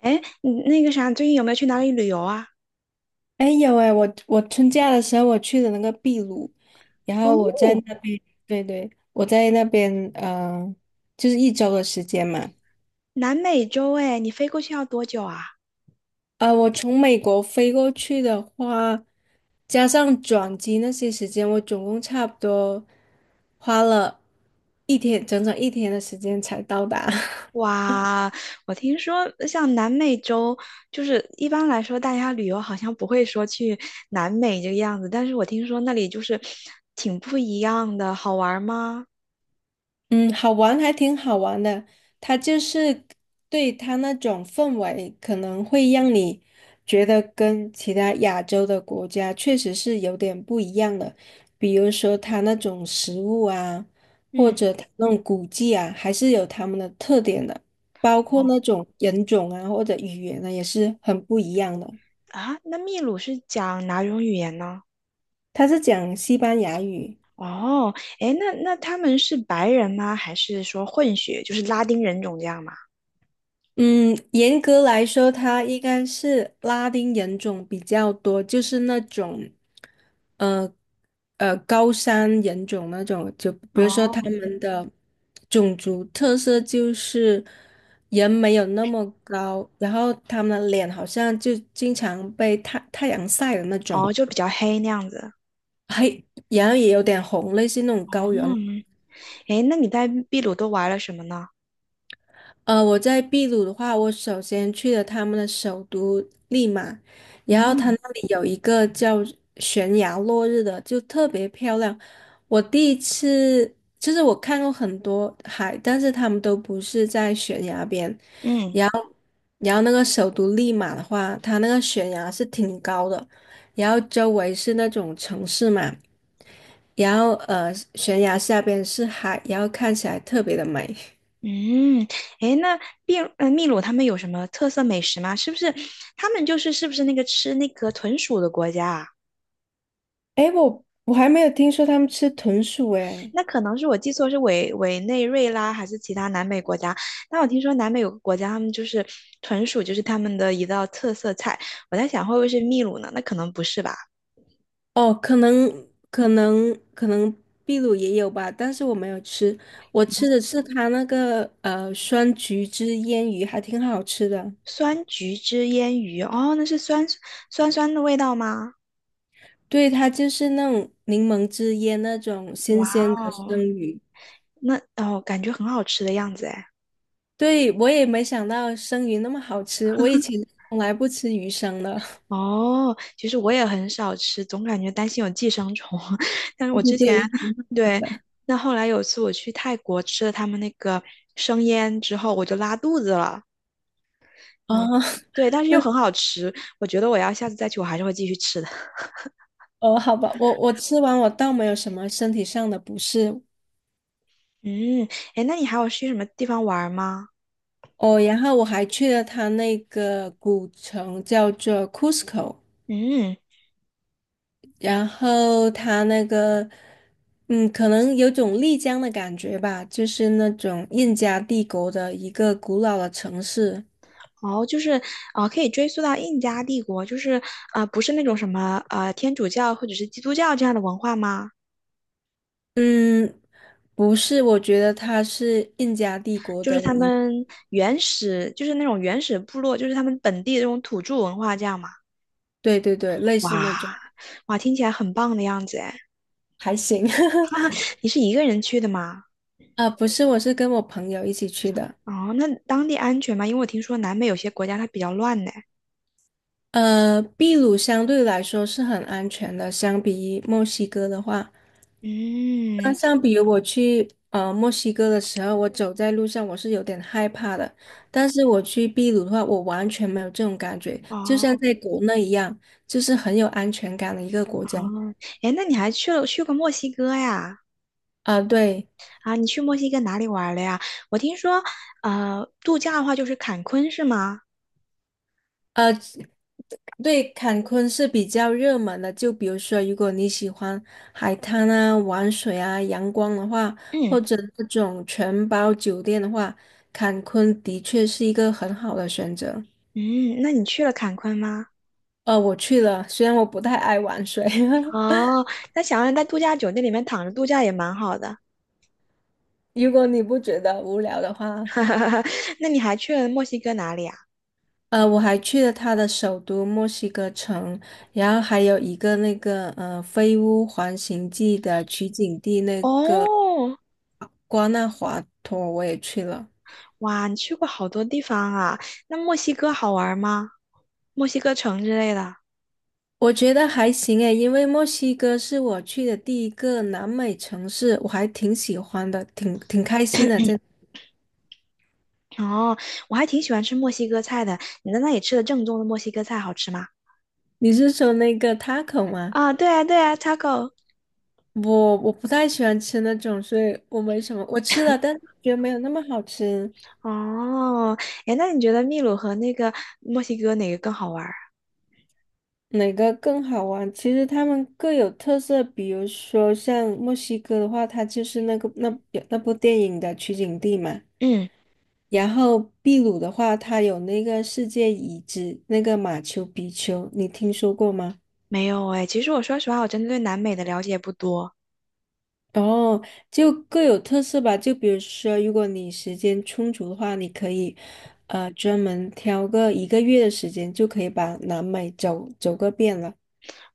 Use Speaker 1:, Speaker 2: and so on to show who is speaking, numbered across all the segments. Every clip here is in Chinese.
Speaker 1: 哎，你那个啥，最近有没有去哪里旅游啊？
Speaker 2: 哎，有哎，我春假的时候我去的那个秘鲁，然后我在
Speaker 1: 哦，
Speaker 2: 那边，对对，我在那边，就是一周的时间嘛。
Speaker 1: 南美洲哎，你飞过去要多久啊？
Speaker 2: 啊，我从美国飞过去的话，加上转机那些时间，我总共差不多花了一天，整整一天的时间才到达。
Speaker 1: 哇，我听说像南美洲，就是一般来说大家旅游好像不会说去南美这个样子，但是我听说那里就是挺不一样的，好玩儿吗？
Speaker 2: 嗯，好玩还挺好玩的，它就是，对，它那种氛围，可能会让你觉得跟其他亚洲的国家确实是有点不一样的，比如说它那种食物啊，或
Speaker 1: 嗯，
Speaker 2: 者它那种古迹啊，还是有他们的特点的，包括
Speaker 1: 哦
Speaker 2: 那种人种啊或者语言呢，也是很不一样的。
Speaker 1: 啊，那秘鲁是讲哪种语言呢？
Speaker 2: 它是讲西班牙语。
Speaker 1: 哦，哎，那他们是白人吗？还是说混血，就是拉丁人种这样吗？
Speaker 2: 嗯，严格来说，它应该是拉丁人种比较多，就是那种，呃，高山人种那种，就比如说他
Speaker 1: 哦
Speaker 2: 们的种族特色就是人没有那么高，然后他们的脸好像就经常被太阳晒的那种，
Speaker 1: 哦，就比较黑那样子。
Speaker 2: 黑，然后也有点红，类似那种高原。
Speaker 1: 嗯，诶，那你在秘鲁都玩了什么呢？
Speaker 2: 我在秘鲁的话，我首先去了他们的首都利马，然后它
Speaker 1: 嗯
Speaker 2: 那里有一个叫悬崖落日的，就特别漂亮。我第一次，就是我看过很多海，但是他们都不是在悬崖边。
Speaker 1: 嗯
Speaker 2: 然后那个首都利马的话，它那个悬崖是挺高的，然后周围是那种城市嘛，然后悬崖下边是海，然后看起来特别的美。
Speaker 1: 嗯，诶，那秘鲁他们有什么特色美食吗？是不是他们就是是不是那个吃那个豚鼠的国家啊？
Speaker 2: 诶，我还没有听说他们吃豚鼠诶。
Speaker 1: 那可能是我记错，是委内瑞拉还是其他南美国家？但我听说南美有个国家，他们就是豚鼠，就是他们的一道特色菜。我在想会不会是秘鲁呢？那可能不是吧？
Speaker 2: 哦，可能秘鲁也有吧，但是我没有吃，我吃的是它那个酸橘汁腌鱼，还挺好吃的。
Speaker 1: 酸橘汁腌鱼，哦，那是酸酸的味道吗？
Speaker 2: 对，它就是那种柠檬汁腌那种新
Speaker 1: 哇
Speaker 2: 鲜的
Speaker 1: 哦！
Speaker 2: 生鱼。
Speaker 1: 那哦，感觉很好吃的样子哎。
Speaker 2: 对，我也没想到生鱼那么好吃，我以前从来不吃鱼生的。
Speaker 1: 哦，其实我也很少吃，总感觉担心有寄生虫。但是
Speaker 2: 对
Speaker 1: 我
Speaker 2: 对
Speaker 1: 之
Speaker 2: 对，我
Speaker 1: 前
Speaker 2: 也晓
Speaker 1: 对，
Speaker 2: 得
Speaker 1: 那后来有一次我去泰国吃了他们那个生腌之后，我就拉肚子了。
Speaker 2: 哦，
Speaker 1: 嗯，对，但是又
Speaker 2: 那
Speaker 1: 很好吃，我觉得我要下次再去，我还是会继续吃的。
Speaker 2: 哦，好吧，我吃完我倒没有什么身体上的不适，
Speaker 1: 嗯，哎，那你还有去什么地方玩儿吗？
Speaker 2: 哦，然后我还去了它那个古城，叫做 Cusco，
Speaker 1: 嗯，
Speaker 2: 然后它那个，可能有种丽江的感觉吧，就是那种印加帝国的一个古老的城市。
Speaker 1: 哦，就是啊，可以追溯到印加帝国，就是啊，不是那种什么天主教或者是基督教这样的文化吗？
Speaker 2: 嗯，不是，我觉得它是印加帝国
Speaker 1: 就是
Speaker 2: 的
Speaker 1: 他
Speaker 2: 一，
Speaker 1: 们原始，就是那种原始部落，就是他们本地的这种土著文化，这样嘛。
Speaker 2: 对对对，类似那种，
Speaker 1: 哇哇，听起来很棒的样子哎！
Speaker 2: 还行。
Speaker 1: 你是一个人去的吗？
Speaker 2: 啊，不是，我是跟我朋友一起去的。
Speaker 1: 哦，那当地安全吗？因为我听说南美有些国家它比较乱呢。
Speaker 2: 秘鲁相对来说是很安全的，相比墨西哥的话，那
Speaker 1: 嗯，
Speaker 2: 相比于我去墨西哥的时候，我走在路上我是有点害怕的，但是我去秘鲁的话，我完全没有这种感觉，就像
Speaker 1: 哦
Speaker 2: 在国内一样，就是很有安全感的一个国
Speaker 1: 哦，
Speaker 2: 家。
Speaker 1: 哎，那你还去过墨西哥呀？
Speaker 2: 啊、对，
Speaker 1: 啊，你去墨西哥哪里玩了呀？我听说，度假的话就是坎昆是吗？
Speaker 2: 呃，对，坎昆是比较热门的，就比如说，如果你喜欢海滩啊、玩水啊、阳光的话，
Speaker 1: 嗯
Speaker 2: 或者那种全包酒店的话，坎昆的确是一个很好的选择。
Speaker 1: 嗯，那你去了坎昆吗？
Speaker 2: 我去了，虽然我不太爱玩水，
Speaker 1: 哦，那想要在度假酒店里面躺着度假也蛮好的。
Speaker 2: 如果你不觉得无聊的话，
Speaker 1: 那你还去了墨西哥哪里啊？
Speaker 2: 我还去了它的首都墨西哥城，然后还有一个那个《飞屋环形记》的取景地那
Speaker 1: 哦，
Speaker 2: 瓜纳华托，我也去了。
Speaker 1: 哇，你去过好多地方啊。那墨西哥好玩吗？墨西哥城之类的。
Speaker 2: 我觉得还行诶，因为墨西哥是我去的第一个南美城市，我还挺喜欢的，挺开心的。
Speaker 1: 哦，我还挺喜欢吃墨西哥菜的。你在那里吃的正宗的墨西哥菜好吃吗？
Speaker 2: 你是说那个 taco 吗？
Speaker 1: 啊，对啊，对啊，taco。
Speaker 2: 我不太喜欢吃那种，所以我没什么。我吃了，但是觉得没有那么好吃。
Speaker 1: 哦，哎，那你觉得秘鲁和那个墨西哥哪个更好玩儿？
Speaker 2: 哪个更好玩？其实他们各有特色，比如说像墨西哥的话，它就是那个那部电影的取景地嘛。
Speaker 1: 嗯，
Speaker 2: 然后秘鲁的话，它有那个世界遗址，那个马丘比丘，你听说过吗？
Speaker 1: 没有哎。其实我说实话，我真的对南美的了解不多。
Speaker 2: 哦，就各有特色吧。就比如说，如果你时间充足的话，你可以，专门挑个一个月的时间，就可以把南美走走个遍了。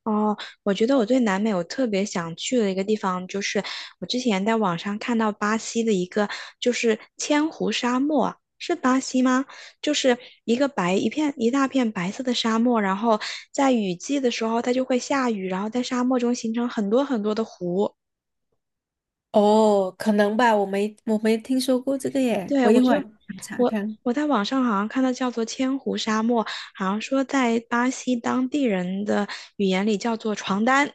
Speaker 1: 哦，我觉得我对南美我特别想去的一个地方，就是我之前在网上看到巴西的一个，就是千湖沙漠，是巴西吗？就是一个白一片一大片白色的沙漠，然后在雨季的时候它就会下雨，然后在沙漠中形成很多很多的湖。
Speaker 2: 哦，可能吧，我没听说过这个耶，
Speaker 1: 对，
Speaker 2: 我
Speaker 1: 我
Speaker 2: 一会
Speaker 1: 就
Speaker 2: 儿查看，
Speaker 1: 我
Speaker 2: 看。
Speaker 1: 我在网上好像看到叫做千湖沙漠，好像说在巴西当地人的语言里叫做床单，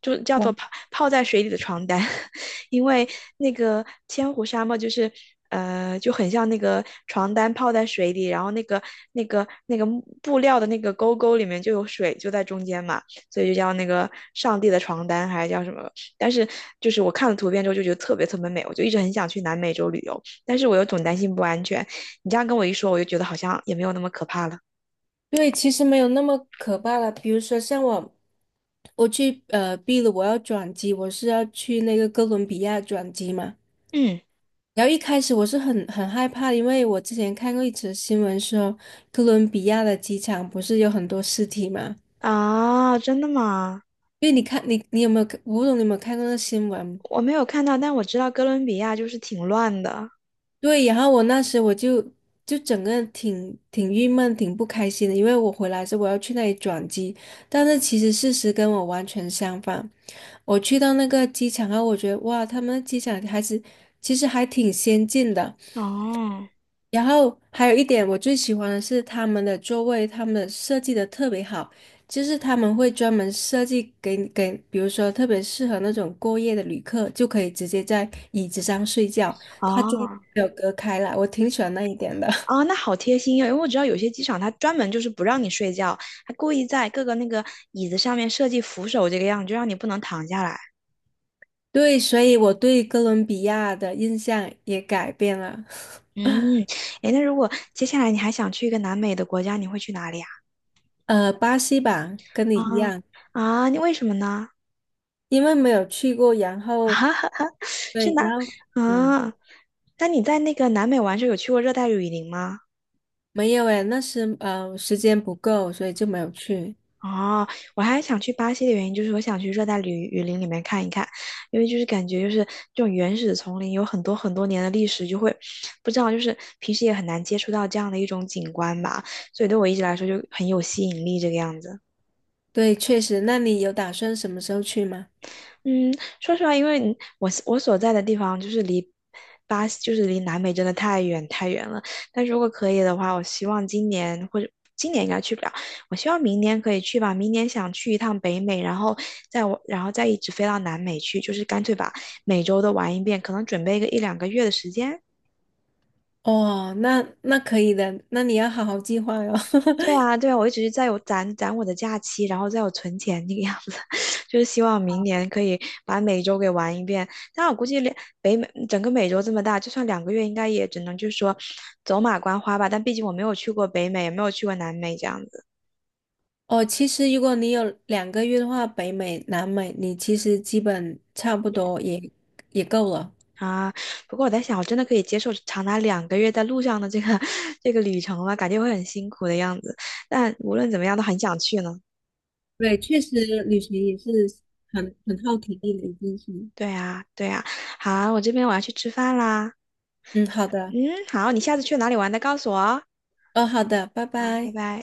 Speaker 1: 就叫做泡在水里的床单，因为那个千湖沙漠就很像那个床单泡在水里，然后那个木布料的那个沟沟里面就有水就在中间嘛，所以就叫那个上帝的床单还是叫什么？但是就是我看了图片之后就觉得特别特别美，我就一直很想去南美洲旅游。但是我又总担心不安全。你这样跟我一说，我就觉得好像也没有那么可怕了。
Speaker 2: 对，其实没有那么可怕了。比如说，像我去秘鲁，我要转机，我是要去那个哥伦比亚转机嘛。
Speaker 1: 嗯，
Speaker 2: 然后一开始我是很害怕，因为我之前看过一则新闻说，哥伦比亚的机场不是有很多尸体嘛？
Speaker 1: 啊，真的吗？
Speaker 2: 因为你看，你有没有看，我不懂你有没有看过那新闻？
Speaker 1: 我没有看到，但我知道哥伦比亚就是挺乱的。
Speaker 2: 对，然后我那时我就整个人挺郁闷、挺不开心的，因为我回来是我要去那里转机，但是其实事实跟我完全相反。我去到那个机场啊，我觉得哇，他们的机场还是其实还挺先进的。
Speaker 1: 哦，
Speaker 2: 然后还有一点我最喜欢的是他们的座位，他们的设计的特别好，就是他们会专门设计给，比如说特别适合那种过夜的旅客，就可以直接在椅子上睡觉，它中间
Speaker 1: 哦，
Speaker 2: 没有隔开来，我挺喜欢那一点的。
Speaker 1: 哦，那好贴心哦，因为我知道有些机场它专门就是不让你睡觉，它故意在各个那个椅子上面设计扶手这个样子，就让你不能躺下来。
Speaker 2: 对，所以我对哥伦比亚的印象也改变了。
Speaker 1: 嗯，诶，那如果接下来你还想去一个南美的国家，你会去哪里啊？
Speaker 2: 巴西吧，跟你
Speaker 1: 啊
Speaker 2: 一样，
Speaker 1: 啊，你为什么呢？
Speaker 2: 因为没有去过，然后
Speaker 1: 是
Speaker 2: 对，
Speaker 1: 南
Speaker 2: 然后嗯，
Speaker 1: 啊？那你在那个南美玩的时候有去过热带雨林吗？
Speaker 2: 没有诶，那时时间不够，所以就没有去。
Speaker 1: 哦，我还想去巴西的原因就是我想去热带雨林里面看一看，因为就是感觉就是这种原始丛林有很多很多年的历史，就会不知道就是平时也很难接触到这样的一种景观吧，所以对我一直来说就很有吸引力这个样子。
Speaker 2: 对，确实，那你有打算什么时候去吗？
Speaker 1: 嗯，说实话，因为我所在的地方就是离巴西，就是离南美真的太远太远了。但如果可以的话，我希望今年应该去不了，我希望明年可以去吧。明年想去一趟北美，然后然后再一直飞到南美去，就是干脆把美洲都玩一遍，可能准备个一两个月的时间。
Speaker 2: 哦，那可以的，那你要好好计划哟。
Speaker 1: 对啊，对啊，我一直在有攒攒我的假期，然后在有存钱那个样子，就是希望明年可以把美洲给玩一遍。但我估计北美整个美洲这么大，就算两个月，应该也只能就是说走马观花吧。但毕竟我没有去过北美，也没有去过南美这样子
Speaker 2: 哦，其实如果你有2个月的话，北美、南美，你其实基本差不多也够了。
Speaker 1: 啊。不过我在想，我真的可以接受长达两个月在路上的这个 这个旅程吗？感觉会很辛苦的样子。但无论怎么样，都很想去呢。
Speaker 2: 对，确实旅行也是很耗体力的一件事。
Speaker 1: 对啊，对啊。好，我这边我要去吃饭啦。
Speaker 2: 嗯，好的，
Speaker 1: 嗯，好，你下次去哪里玩的，告诉我哦。
Speaker 2: 哦，好的，拜
Speaker 1: 好，拜
Speaker 2: 拜。
Speaker 1: 拜。